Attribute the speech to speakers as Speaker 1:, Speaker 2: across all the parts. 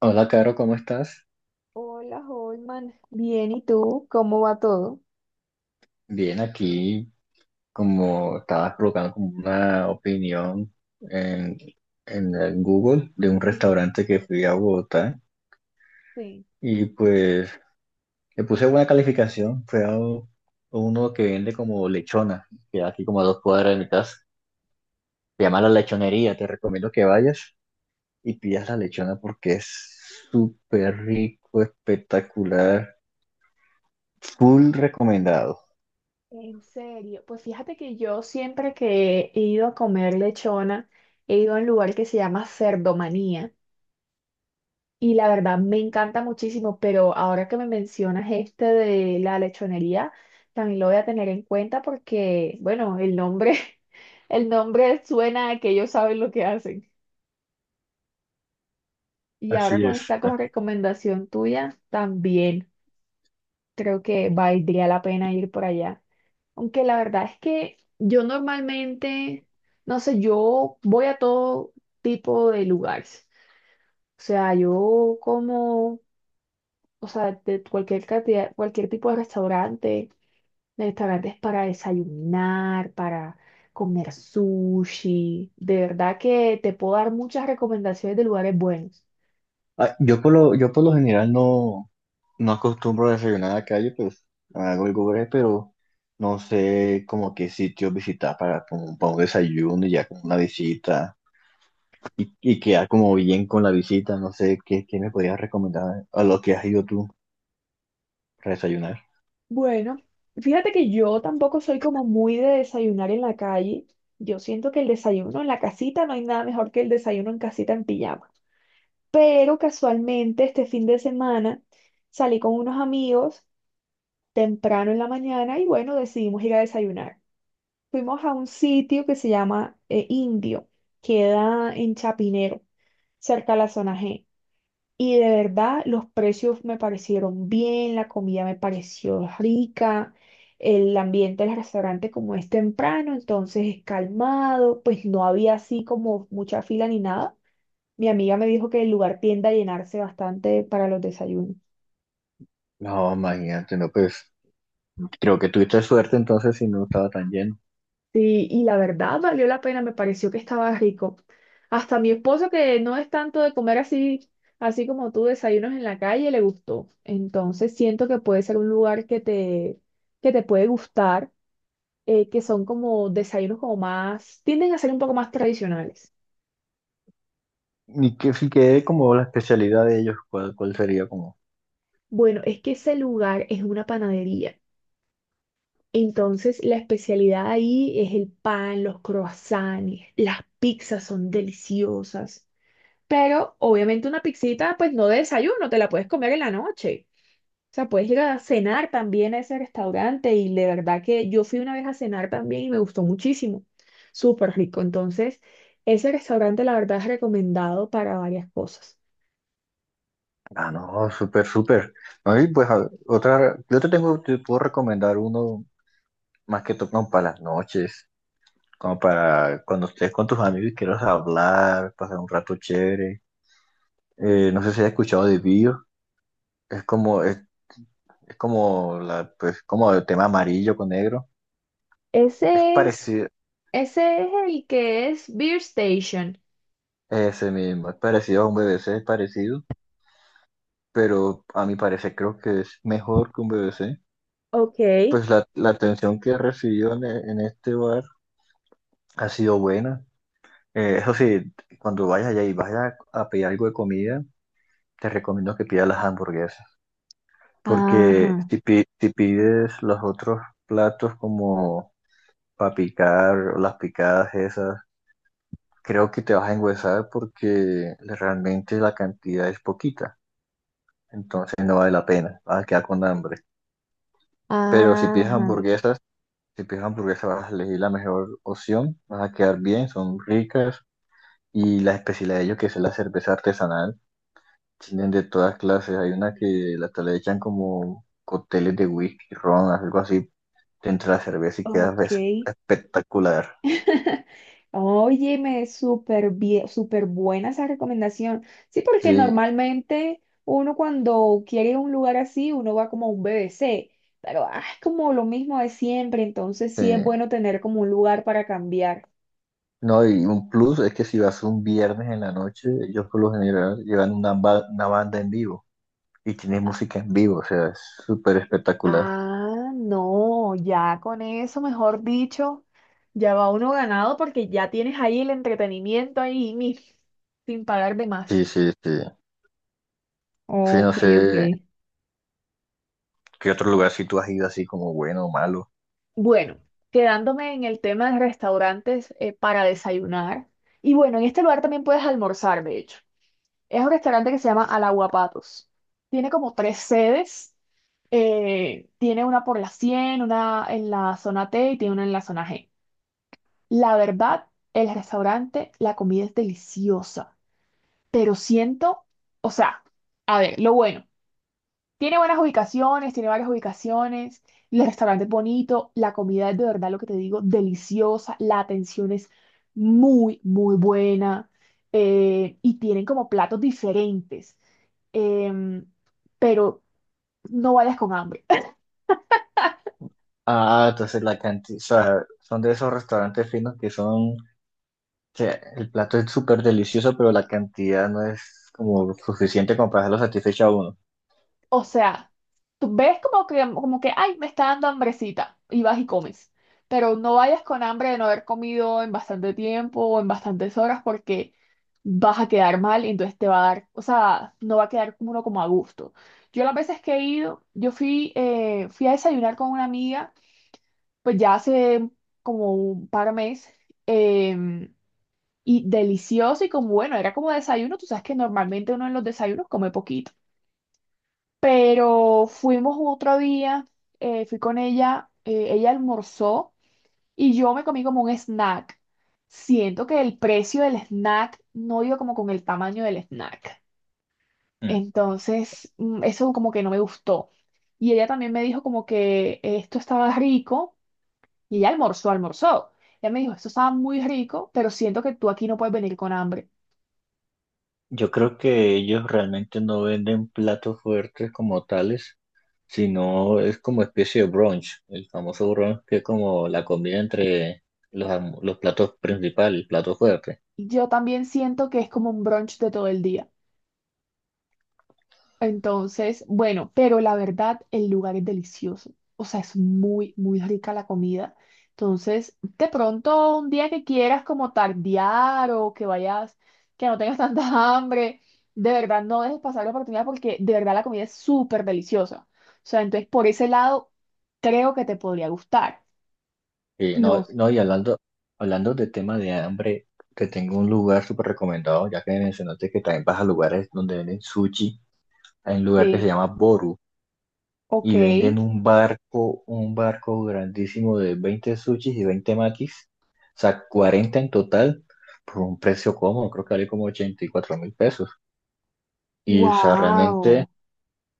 Speaker 1: Hola, Caro, ¿cómo estás?
Speaker 2: Hola, Holman. Bien, ¿y tú? ¿Cómo va todo?
Speaker 1: Bien, aquí como estabas provocando como una opinión en, en el Google de un
Speaker 2: Ujú.
Speaker 1: restaurante que fui a Bogotá
Speaker 2: Sí,
Speaker 1: y pues le puse buena calificación. Fue a uno que vende como lechona, que aquí como a dos cuadras de mi casa. Se llama La Lechonería, te recomiendo que vayas y pidas la lechona porque es súper rico, espectacular, full recomendado.
Speaker 2: en serio. Pues fíjate que yo siempre que he ido a comer lechona, he ido a un lugar que se llama Cerdomanía y la verdad me encanta muchísimo, pero ahora que me mencionas este de la lechonería, también lo voy a tener en cuenta porque, bueno, el nombre, el nombre suena a que ellos saben lo que hacen. Y ahora
Speaker 1: Así
Speaker 2: con
Speaker 1: es.
Speaker 2: esta recomendación tuya, también. Creo que valdría la pena ir por allá. Aunque la verdad es que yo normalmente, no sé, yo voy a todo tipo de lugares. O sea, yo como, o sea, de cualquier cantidad, cualquier tipo de restaurante, de restaurantes para desayunar, para comer sushi. De verdad que te puedo dar muchas recomendaciones de lugares buenos.
Speaker 1: Yo por lo general no. No acostumbro a desayunar en la calle, pues hago el Google, pero no sé como qué sitio visitar para, como, para un desayuno y ya con una visita y quedar como bien con la visita. No sé qué me podrías recomendar a lo que has ido tú para desayunar.
Speaker 2: Bueno, fíjate que yo tampoco soy como muy de desayunar en la calle. Yo siento que el desayuno en la casita no hay nada mejor que el desayuno en casita en pijama. Pero casualmente este fin de semana salí con unos amigos temprano en la mañana y bueno, decidimos ir a desayunar. Fuimos a un sitio que se llama Indio, queda en Chapinero, cerca a la zona G. Y de verdad, los precios me parecieron bien, la comida me pareció rica, el ambiente del restaurante como es temprano, entonces es calmado, pues no había así como mucha fila ni nada. Mi amiga me dijo que el lugar tiende a llenarse bastante para los desayunos.
Speaker 1: No, imagínate, no, pues creo que tuviste suerte entonces si no estaba tan lleno.
Speaker 2: Sí, y la verdad valió la pena, me pareció que estaba rico. Hasta mi esposo, que no es tanto de comer así, así como tú, desayunos en la calle, le gustó. Entonces siento que puede ser un lugar que te puede gustar que son como desayunos como más, tienden a ser un poco más tradicionales.
Speaker 1: Y que si quedé como la especialidad de ellos, ¿cuál, cuál sería como?
Speaker 2: Bueno, es que ese lugar es una panadería. Entonces, la especialidad ahí es el pan, los croissants, las pizzas son deliciosas. Pero obviamente una pizzita, pues no de desayuno, te la puedes comer en la noche. O sea, puedes ir a cenar también a ese restaurante y de verdad que yo fui una vez a cenar también y me gustó muchísimo. Súper rico. Entonces, ese restaurante la verdad es recomendado para varias cosas.
Speaker 1: Ah, no, súper, súper. No, y pues otra, yo te tengo, te puedo recomendar uno más que todo como para las noches, como para cuando estés con tus amigos y quieras hablar, pasar un rato chévere. No sé si has escuchado de Bio, es es como la, pues, como el tema amarillo con negro. Es
Speaker 2: Ese es,
Speaker 1: parecido,
Speaker 2: ese es el que es Beer Station.
Speaker 1: ese mismo, es parecido a un BBC, es parecido, pero a mi parecer creo que es mejor que un BBC.
Speaker 2: Ok,
Speaker 1: Pues la atención que he recibido en, en este bar ha sido buena. Eso sí, cuando vayas allá y vayas a pedir algo de comida, te recomiendo que pidas las hamburguesas. Porque
Speaker 2: ajá,
Speaker 1: si pides los otros platos como para picar, o las picadas esas, creo que te vas a engüesar porque realmente la cantidad es poquita. Entonces no vale la pena, vas a quedar con hambre. Pero si pides
Speaker 2: ajá.
Speaker 1: hamburguesas, si pides hamburguesas vas a elegir la mejor opción, vas a quedar bien, son ricas. Y la especialidad de ellos, que es la cerveza artesanal, tienen de todas clases. Hay una que la le echan como cócteles de whisky, ron, algo así te entra la cerveza y quedas
Speaker 2: Ok.
Speaker 1: espectacular.
Speaker 2: Oye, me súper bien, súper buena esa recomendación. Sí, porque
Speaker 1: Sí,
Speaker 2: normalmente uno cuando quiere ir a un lugar así, uno va como a un BBC, pero ah, es como lo mismo de siempre, entonces
Speaker 1: sí.
Speaker 2: sí es bueno tener como un lugar para cambiar.
Speaker 1: No, y un plus es que si vas un viernes en la noche, ellos por lo general llevan una banda en vivo y tienen música en vivo, o sea, es súper espectacular.
Speaker 2: Ah, no, ya con eso, mejor dicho, ya va uno ganado porque ya tienes ahí el entretenimiento ahí sin pagar de
Speaker 1: Sí,
Speaker 2: más.
Speaker 1: sí, sí. Sí, no
Speaker 2: Ok, ok.
Speaker 1: sé qué otro lugar si tú has ido así como bueno o malo.
Speaker 2: Bueno, quedándome en el tema de restaurantes para desayunar. Y bueno, en este lugar también puedes almorzar, de hecho. Es un restaurante que se llama Alaguapatos. Tiene como tres sedes. Tiene una por la 100, una en la zona T y tiene una en la zona G. La verdad, el restaurante, la comida es deliciosa, pero siento, o sea, a ver, lo bueno, tiene buenas ubicaciones, tiene varias ubicaciones, el restaurante es bonito, la comida es de verdad lo que te digo, deliciosa, la atención es muy, muy buena y tienen como platos diferentes, em, pero no vayas con hambre.
Speaker 1: Ah, entonces la cantidad, o sea, son de esos restaurantes finos que el plato es súper delicioso, pero la cantidad no es como suficiente como para hacerlo satisfecho a uno.
Speaker 2: O sea, tú ves como que, ay, me está dando hambrecita y vas y comes. Pero no vayas con hambre de no haber comido en bastante tiempo o en bastantes horas porque vas a quedar mal y entonces te va a dar, o sea, no va a quedar como uno como a gusto. Yo las veces que he ido, yo fui, fui a desayunar con una amiga, pues ya hace como un par de meses, em, y delicioso y como bueno, era como desayuno, tú sabes que normalmente uno en los desayunos come poquito. Pero fuimos otro día, fui con ella, ella almorzó y yo me comí como un snack. Siento que el precio del snack no iba como con el tamaño del snack. Entonces, eso como que no me gustó. Y ella también me dijo como que esto estaba rico y ella almorzó. Ella me dijo, esto estaba muy rico, pero siento que tú aquí no puedes venir con hambre.
Speaker 1: Yo creo que ellos realmente no venden platos fuertes como tales, sino es como especie de brunch, el famoso brunch que es como la comida entre los platos principales, el plato fuerte.
Speaker 2: Yo también siento que es como un brunch de todo el día. Entonces, bueno, pero la verdad, el lugar es delicioso. O sea, es muy, muy rica la comida. Entonces, de pronto, un día que quieras como tardear o que vayas, que no tengas tanta hambre, de verdad no dejes pasar la oportunidad porque de verdad la comida es súper deliciosa. O sea, entonces por ese lado, creo que te podría gustar.
Speaker 1: Y no,
Speaker 2: No
Speaker 1: no, y hablando, hablando de tema de hambre, te tengo un lugar súper recomendado, ya que mencionaste que también vas a lugares donde venden sushi, hay un lugar que se
Speaker 2: sé,
Speaker 1: llama Boru.
Speaker 2: ok,
Speaker 1: Y venden un barco grandísimo de 20 sushis y 20 makis, o sea, 40 en total, por un precio cómodo, creo que vale como 84.000 pesos. Y, o sea, realmente,
Speaker 2: wow.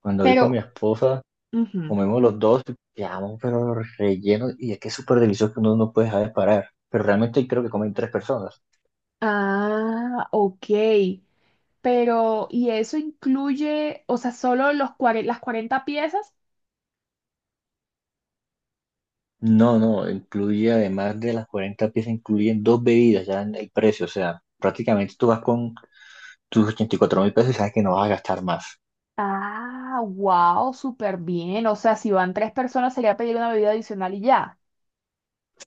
Speaker 1: cuando voy con mi
Speaker 2: Pero,
Speaker 1: esposa,
Speaker 2: ujú.
Speaker 1: comemos los dos, quedamos pero rellenos, y es que es súper delicioso que uno no puede dejar de parar. Pero realmente creo que comen tres personas.
Speaker 2: Ah, ok. Pero, ¿y eso incluye, o sea, solo los las 40 piezas?
Speaker 1: No, no, incluye además de las 40 piezas, incluyen dos bebidas ya en el precio, o sea, prácticamente tú vas con tus 84.000 pesos y sabes que no vas a gastar más.
Speaker 2: Ah, wow, súper bien. O sea, si van tres personas sería pedir una bebida adicional y ya.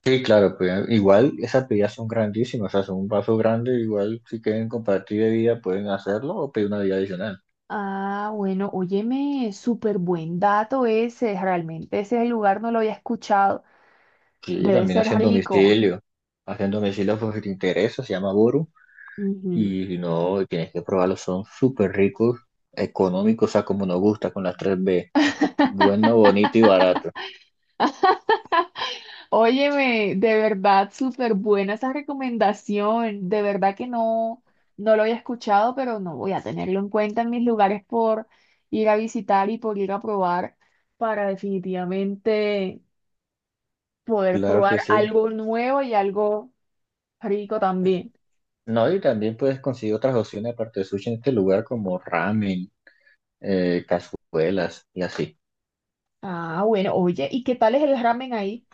Speaker 1: Sí, claro, pues igual esas bebidas son grandísimas, o sea, son un vaso grande, igual si quieren compartir bebida pueden hacerlo o pedir una bebida adicional.
Speaker 2: Ah, bueno, óyeme, súper buen dato ese. Realmente ese es el lugar no lo había escuchado.
Speaker 1: Sí,
Speaker 2: Debe
Speaker 1: también
Speaker 2: ser rico.
Speaker 1: hacen domicilio por si te interesa, se llama Boru,
Speaker 2: Ujú.
Speaker 1: y si no, tienes que probarlos, son súper ricos, económicos, o sea, como nos gusta con las tres b, bueno, bonito y barato.
Speaker 2: Óyeme, de verdad, súper buena esa recomendación. De verdad que no, no lo había escuchado, pero no voy a tenerlo en cuenta en mis lugares por ir a visitar y por ir a probar para definitivamente poder
Speaker 1: Claro
Speaker 2: probar
Speaker 1: que sí.
Speaker 2: algo nuevo y algo rico también.
Speaker 1: No, y también puedes conseguir otras opciones aparte de sushi en este lugar como ramen, cazuelas y así.
Speaker 2: Ah, bueno, oye, ¿y qué tal es el ramen ahí?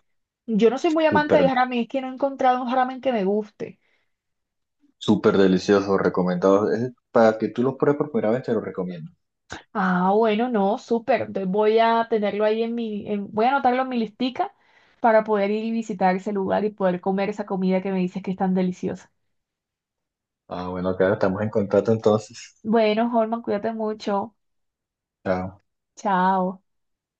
Speaker 2: Yo no soy muy amante
Speaker 1: Súper
Speaker 2: del ramen, es que no he encontrado un ramen que me guste.
Speaker 1: Súper delicioso, recomendado. Es para que tú los pruebes por primera vez, te lo recomiendo.
Speaker 2: Ah, bueno, no, súper. Entonces voy a tenerlo ahí en voy a anotarlo en mi listica para poder ir y visitar ese lugar y poder comer esa comida que me dices que es tan deliciosa.
Speaker 1: Ah, bueno, acá estamos en contacto entonces.
Speaker 2: Bueno, Holman, cuídate mucho.
Speaker 1: Chao.
Speaker 2: Chao.